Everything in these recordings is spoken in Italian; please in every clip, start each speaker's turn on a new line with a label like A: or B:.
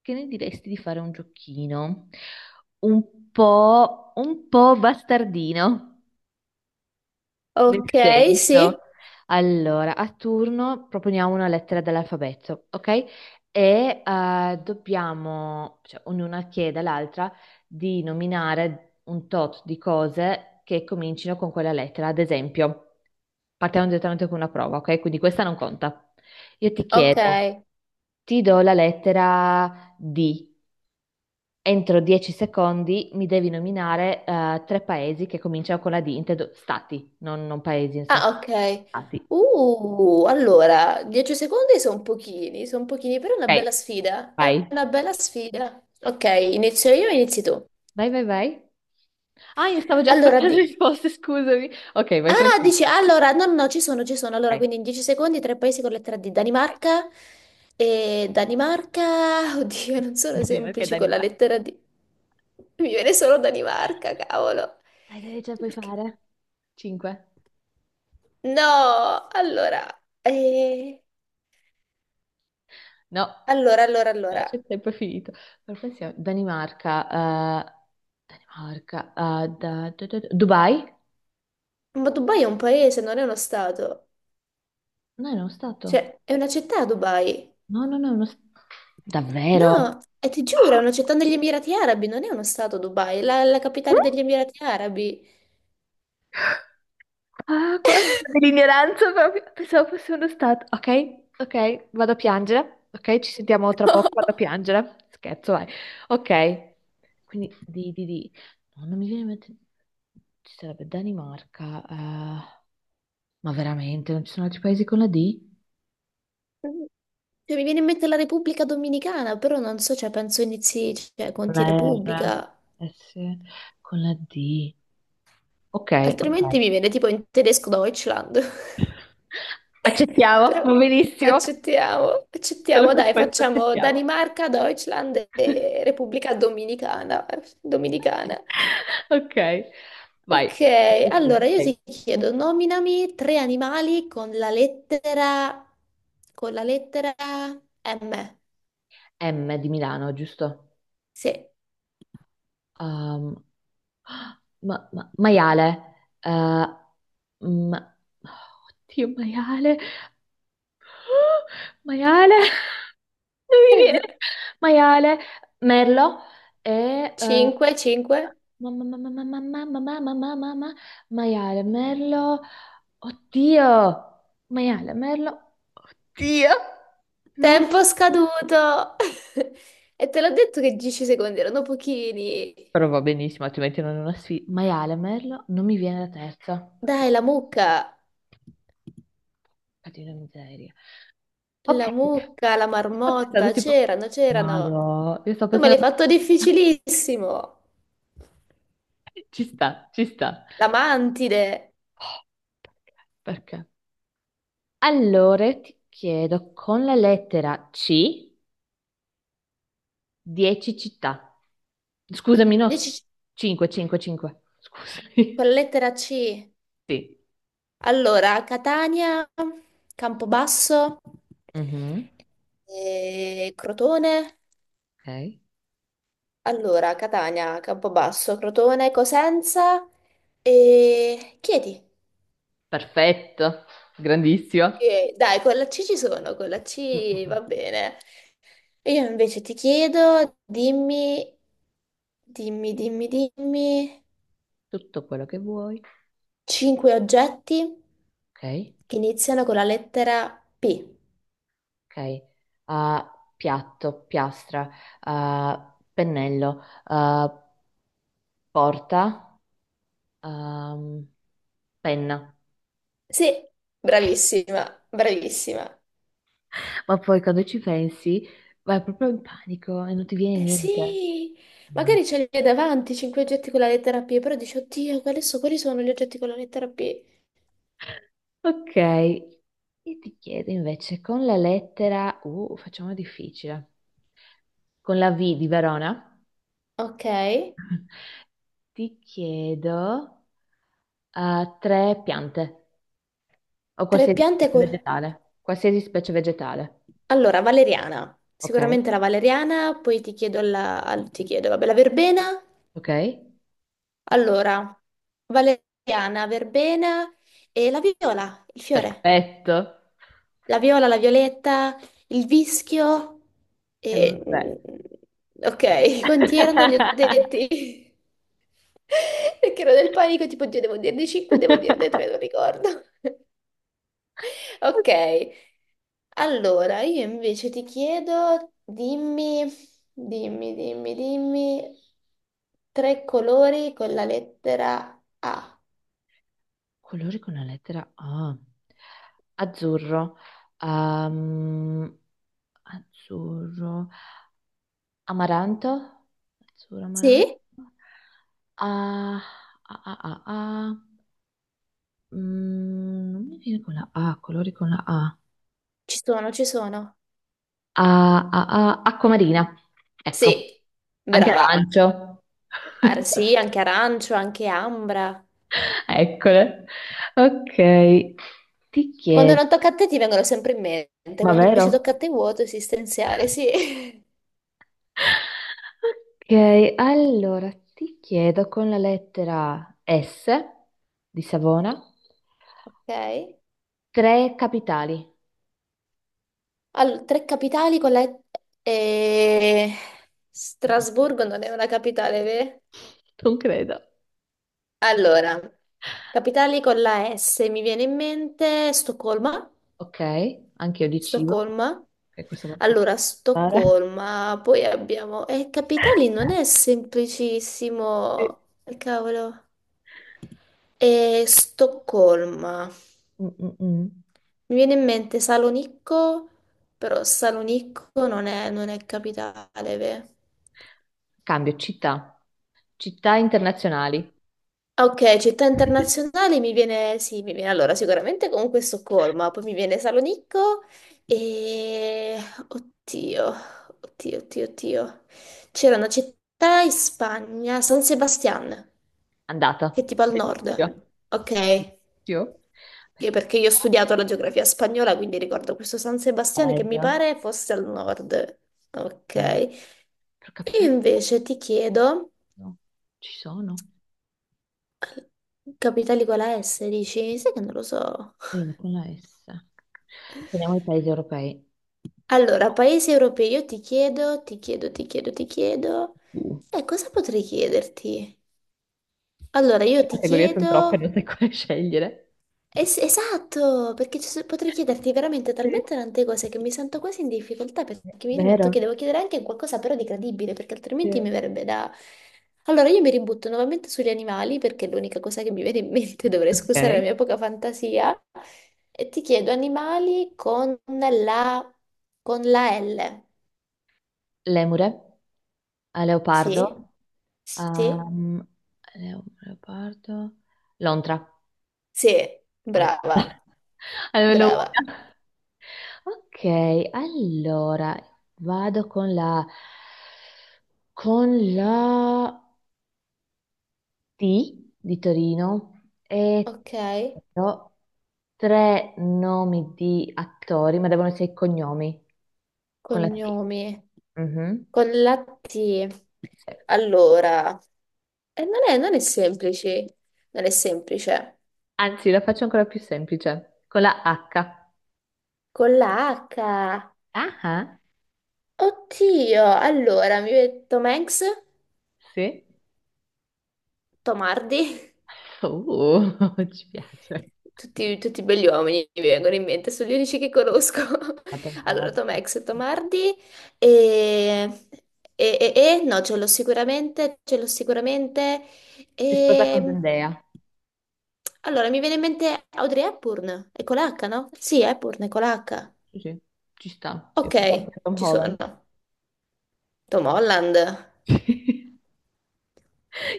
A: Che ne diresti di fare un giochino un po' bastardino? Nel
B: Ok, sì,
A: senso, allora, a turno proponiamo una lettera dell'alfabeto, ok? Dobbiamo, cioè, ognuna chiede all'altra di nominare un tot di cose che comincino con quella lettera. Ad esempio, partiamo direttamente con una prova, ok? Quindi questa non conta. Io ti
B: ok.
A: chiedo, ti do la lettera D. Entro 10 secondi mi devi nominare tre paesi che cominciano con la D, intendo stati, non paesi, nel
B: Ah,
A: senso
B: ok.
A: stati.
B: Allora, 10 secondi sono pochini, però è una
A: Ok,
B: bella sfida. È
A: vai.
B: una bella sfida. Ok, inizio io, inizi tu.
A: Vai, vai, vai. Ah, io stavo già
B: Allora,
A: aspettando le risposte, scusami. Ok, vai
B: dici,
A: tranquilla.
B: allora, no, no, no, ci sono, ci sono. Allora,
A: Ok,
B: quindi in 10 secondi, tre paesi con lettera D.
A: vai.
B: Danimarca e Danimarca, oddio, non sono
A: Danimarca e
B: semplici con la
A: Danimarca.
B: lettera D. Mi viene solo Danimarca, cavolo.
A: Dai, dai, ce la puoi
B: Perché?
A: fare. 5.
B: No, allora. eh,
A: No,
B: Allora, allora,
A: no, c'è
B: allora.
A: il tempo è finito. Per pensiamo- Danimarca, Danimarca, da- da- da- da- Dubai?
B: Ma Dubai è un paese, non è uno stato.
A: No, era uno stato.
B: Cioè, è una città Dubai.
A: No, no, no, no. Davvero?
B: No, e ti giuro, è una città negli Emirati Arabi, non è uno stato Dubai, è la, la
A: Mm?
B: capitale degli Emirati Arabi.
A: Ah, guarda, dell'ignoranza proprio. Pensavo fosse uno stato. Ok, ok, vado a piangere. Ok, ci sentiamo tra poco, vado a piangere. Scherzo, vai. Ok, quindi di, di. No, non mi viene in mente. Ci sarebbe Danimarca. Ma veramente, non ci sono altri paesi con la D?
B: Cioè, mi viene in mente la Repubblica Dominicana, però non so, cioè, penso inizi, cioè,
A: Con
B: conti
A: la
B: Repubblica.
A: R. S. Con la D. Ok, ok.
B: Altrimenti mi viene tipo in tedesco Deutschland.
A: Accettiamo,
B: Però
A: va benissimo.
B: accettiamo,
A: Solo
B: accettiamo,
A: per
B: dai,
A: questo
B: facciamo
A: accettiamo.
B: Danimarca, Deutschland e Repubblica Dominicana. Dominicana.
A: Ok, vai.
B: Ok, allora io
A: Ok.
B: ti chiedo, nominami tre animali con la lettera M.
A: M di Milano, giusto?
B: Sì,
A: Um, ma- maiale. Eh, ma- oddio, maiale. Oh, maiale. Non mi viene. Maiale. Merlo. E... eh,
B: 5, 5.
A: Mamma, mamma, mamma, mamma, mamma, mamma, mamma, maiale, merlo, oddio, maiale, merlo, Dio.
B: Tempo scaduto! E te l'ho detto che 10 secondi erano pochini.
A: Però va benissimo, altrimenti non è una sfida. Maiale, merlo, non mi viene la terza. Che
B: Dai, la mucca,
A: cacchio di miseria. Ok,
B: la mucca, la
A: io sto pensando
B: marmotta,
A: tipo.
B: c'erano, c'erano.
A: Madò, io sto
B: Tu me l'hai
A: pensando.
B: fatto difficilissimo.
A: Ci sta, ci sta.
B: La mantide,
A: Oh, perché? Perché? Allora, ti chiedo, con la lettera C, 10 città. Scusami, no,
B: 10
A: 5, 5, 5.
B: con
A: Scusami.
B: la lettera C.
A: Sì.
B: Allora, Catania, Campobasso,
A: Mhm.
B: Crotone.
A: Ok.
B: Allora, Catania, Campobasso, Crotone, Cosenza e Chieti.
A: Perfetto, grandissimo.
B: Ok, dai, con la C ci sono, con la
A: Mm, mm,
B: C
A: mm.
B: va bene. Io invece ti chiedo, dimmi, dimmi, dimmi, dimmi,
A: Tutto quello che vuoi.
B: cinque oggetti
A: Ok,
B: che iniziano con la lettera P.
A: ok. Ah, piatto, piastra, ah, pennello, ah, porta, ehm, penna.
B: Sì,
A: Ok.
B: bravissima, bravissima.
A: Ma poi quando ci pensi vai proprio in panico e non ti viene
B: Eh
A: niente.
B: sì,
A: Ma-
B: magari ce li hai davanti, 5 oggetti con la lettera P, però dici, oddio, quali sono gli oggetti con la lettera P?
A: ok, io ti chiedo invece con la lettera U, facciamo difficile, con la V di Verona,
B: Ok,
A: ti chiedo tre piante o
B: tre
A: qualsiasi
B: piante
A: specie
B: con.
A: vegetale, qualsiasi specie vegetale.
B: Allora, valeriana,
A: Ok,
B: sicuramente la valeriana, poi ti chiedo la, ti chiedo, vabbè, la verbena.
A: ok,
B: Allora, valeriana, verbena e la viola, il fiore.
A: perfetto.
B: La viola, la violetta, il vischio
A: Erano
B: e.
A: tre.
B: Ok, quanti erano? Li ho detti. Perché ero nel panico, tipo, Dio, devo dirne 5, devo dirne 3, non ricordo. Ok, allora io invece ti chiedo, dimmi, dimmi, dimmi, dimmi, tre colori con la lettera A.
A: Colori con la lettera A. Azzurro. Ehm, azzurro. Amaranto. Azzurro, amaranto.
B: Sì?
A: Ah, ah, ah, ah, ah. Mm, non mi viene con la A, colori con la A.
B: Ci sono, ci sono.
A: Ah, ah, ah, acqua marina. Ecco,
B: Sì,
A: anche
B: brava.
A: arancio.
B: Ah, sì, anche arancio, anche ambra.
A: Eccole. Ok, ti
B: Quando
A: chiedo,
B: non tocca a te ti vengono sempre in mente,
A: ma
B: quando invece
A: vero?
B: tocca a te è vuoto esistenziale, sì.
A: Ok, allora ti chiedo con la lettera S di Savona
B: Ok.
A: tre capitali.
B: Allora, tre capitali con la. E-
A: Mm,
B: Strasburgo non è una capitale, vero?
A: non credo.
B: Allora, capitali con la S, mi viene in mente Stoccolma.
A: Ok, anche io di cibo,
B: Stoccolma.
A: che questa volta devo
B: Allora,
A: fare.
B: Stoccolma, poi abbiamo. E capitali non è
A: Sì.
B: semplicissimo. Cavolo. E Stoccolma. Mi
A: Mm, mm, mm.
B: viene in mente Salonicco, però Salonicco non è, capitale, ve?
A: Cambio città, città internazionali.
B: Ah, ok, città internazionali mi viene, sì, mi viene allora sicuramente comunque Stoccolma, poi mi viene Salonicco e. Oddio, oddio, oddio, oddio. C'era una città in Spagna, San Sebastian, che è
A: Andata.
B: tipo al nord.
A: Bellissimo.
B: Ok.
A: Bellissimo.
B: Sì,
A: Perché-
B: perché io ho studiato la geografia spagnola, quindi ricordo questo San Sebastiano che mi
A: Bello.
B: pare fosse al nord. Ok.
A: Eh, però
B: E
A: capitale
B: invece ti chiedo,
A: no, ci sono.
B: capitali con la S, dici? Sai che non lo so.
A: Allora, con la S. Prendiamo i paesi europei.
B: Allora, paesi europei, io ti chiedo, ti chiedo, ti chiedo, ti chiedo.
A: Uh,
B: E cosa potrei chiederti? Allora, io
A: le
B: ti
A: categorie sono troppe, non
B: chiedo.
A: sai quale scegliere.
B: Esatto, perché potrei chiederti veramente
A: Sì.
B: talmente tante cose che mi sento quasi in difficoltà perché mi dimentico che
A: Vero?
B: devo chiedere anche qualcosa però di credibile, perché altrimenti
A: Sì.
B: mi verrebbe da. Allora io mi ributto nuovamente sugli animali perché è l'unica cosa che mi viene in mente, dovrei scusare la
A: Ok.
B: mia poca fantasia, e ti chiedo animali la, con la L.
A: Lemure, a
B: Sì?
A: leopardo,
B: Sì?
A: um, leo- leopardo, lontra,
B: Sì,
A: andata.
B: brava,
A: Almeno
B: brava.
A: una. Ok, allora vado con la T di Torino e
B: Ok.
A: però tre nomi di attori, ma devono essere i cognomi con la T.
B: Cognomi
A: Mhm.
B: con la T.
A: Sì.
B: Allora, non è, non è semplice, non è semplice.
A: Anzi, la faccio ancora più semplice, con la H.
B: Con la H.
A: Ah, ah,
B: Oddio, allora mi viene Tom Hanks,
A: sì.
B: Tom Hardy.
A: Uh, ci piace.
B: Tutti, tutti belli uomini mi vengono in mente, sono gli unici che conosco.
A: Adam Hart.
B: Allora, Tom Hanks, Tom Hardy e. No, ce l'ho sicuramente, ce l'ho sicuramente.
A: Si sposa con
B: E...
A: Zendaya.
B: Allora, mi viene in mente Audrey Hepburn, è con l'H, no? Sì, Hepburn è con l'H.
A: Sì, sì, ci sta. Io
B: Ok,
A: pensavo a Tom
B: ci
A: Holland.
B: sono. Tom Holland.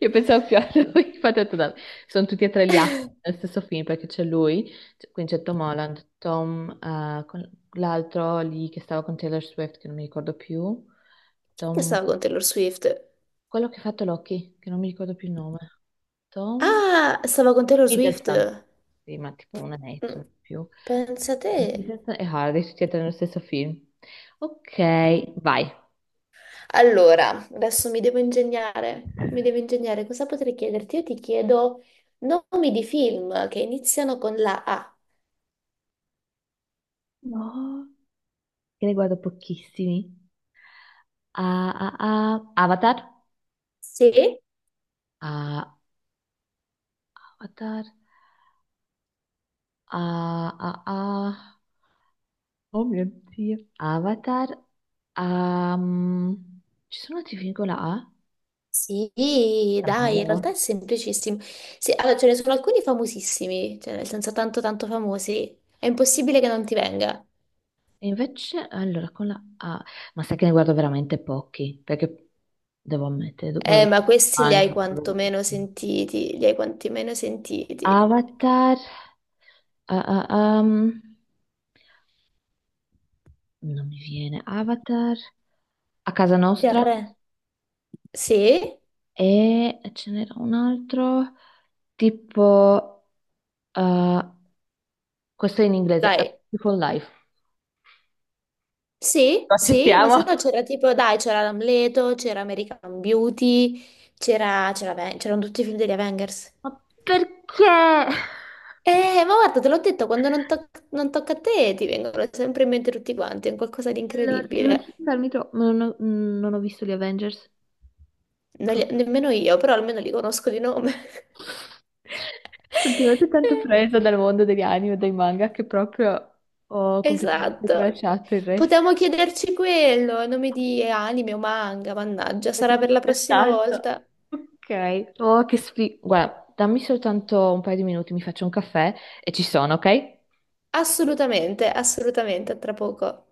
A: Io pensavo più a lui, infatti ho detto, "Dai, sono tutti e tre gli attori nel stesso film perché c'è lui, c- quindi c'è Tom Holland, Tom, con- l'altro lì che stava con Taylor Swift, che non mi ricordo più,
B: Chi è che
A: Tom,
B: stava con Taylor Swift?
A: quello che ha fatto Loki, che non mi ricordo più il nome, Tom
B: Ah, stava con Taylor Swift.
A: Hiddleston, sì, ma tipo una netto,
B: Mm,
A: non più,
B: Pensa te.
A: Hiddleston e Hardy, tutti e tre nello stesso film. Ok, vai.
B: Allora, adesso mi devo ingegnare. Mi devo ingegnare. Cosa potrei chiederti? Io ti chiedo nomi di film che iniziano con la A.
A: No, che ne guardo pochissimi. Ah, ah, ah. Avatar?
B: Sì?
A: Ah, Avatar. Ah, ah, ah. Oh mio Dio. Avatar. Ehm, ci sono film con la A?
B: Sì, dai, in realtà
A: Davvero?
B: è semplicissimo. Sì, allora, ce ne sono alcuni famosissimi, cioè nel senso tanto tanto famosi. È impossibile che non ti venga.
A: E invece, allora, con la A. Ma sai che ne guardo veramente pochi, perché devo ammettere, do- guardo
B: Ma questi li hai
A: anime.
B: quantomeno sentiti, li hai quantomeno sentiti.
A: Avatar, ah, ah, non mi viene. Avatar. A casa nostra.
B: TR. Sì,
A: E ce n'era un altro, tipo, eh, questo è in inglese, A
B: dai.
A: Beautiful Life.
B: Sì,
A: Lo
B: sì, ma se
A: accettiamo.
B: no c'era tipo, dai, c'era l'Amleto, c'era American Beauty, c'erano tutti i film degli Avengers.
A: Ma perché? Allora,
B: Ma guarda, te l'ho detto, quando non tocca a te ti vengono sempre in mente tutti quanti, è un qualcosa di
A: non so
B: incredibile.
A: farmi troppo, non ho visto gli Avengers.
B: Non
A: Pro-
B: li- nemmeno io, però almeno li conosco di nome.
A: sono veramente tanto presa dal mondo degli anime e dei manga che proprio ho completamente
B: Esatto.
A: tralasciato il resto.
B: Potevamo chiederci quello, nomi di anime o manga, mannaggia,
A: Perché
B: sarà
A: non ci
B: per
A: ho
B: la prossima
A: pensato.
B: volta.
A: Ok. Oh, che sfiga. Guarda, dammi soltanto un paio di minuti, mi faccio un caffè e ci sono, ok?
B: Assolutamente, assolutamente, a tra poco.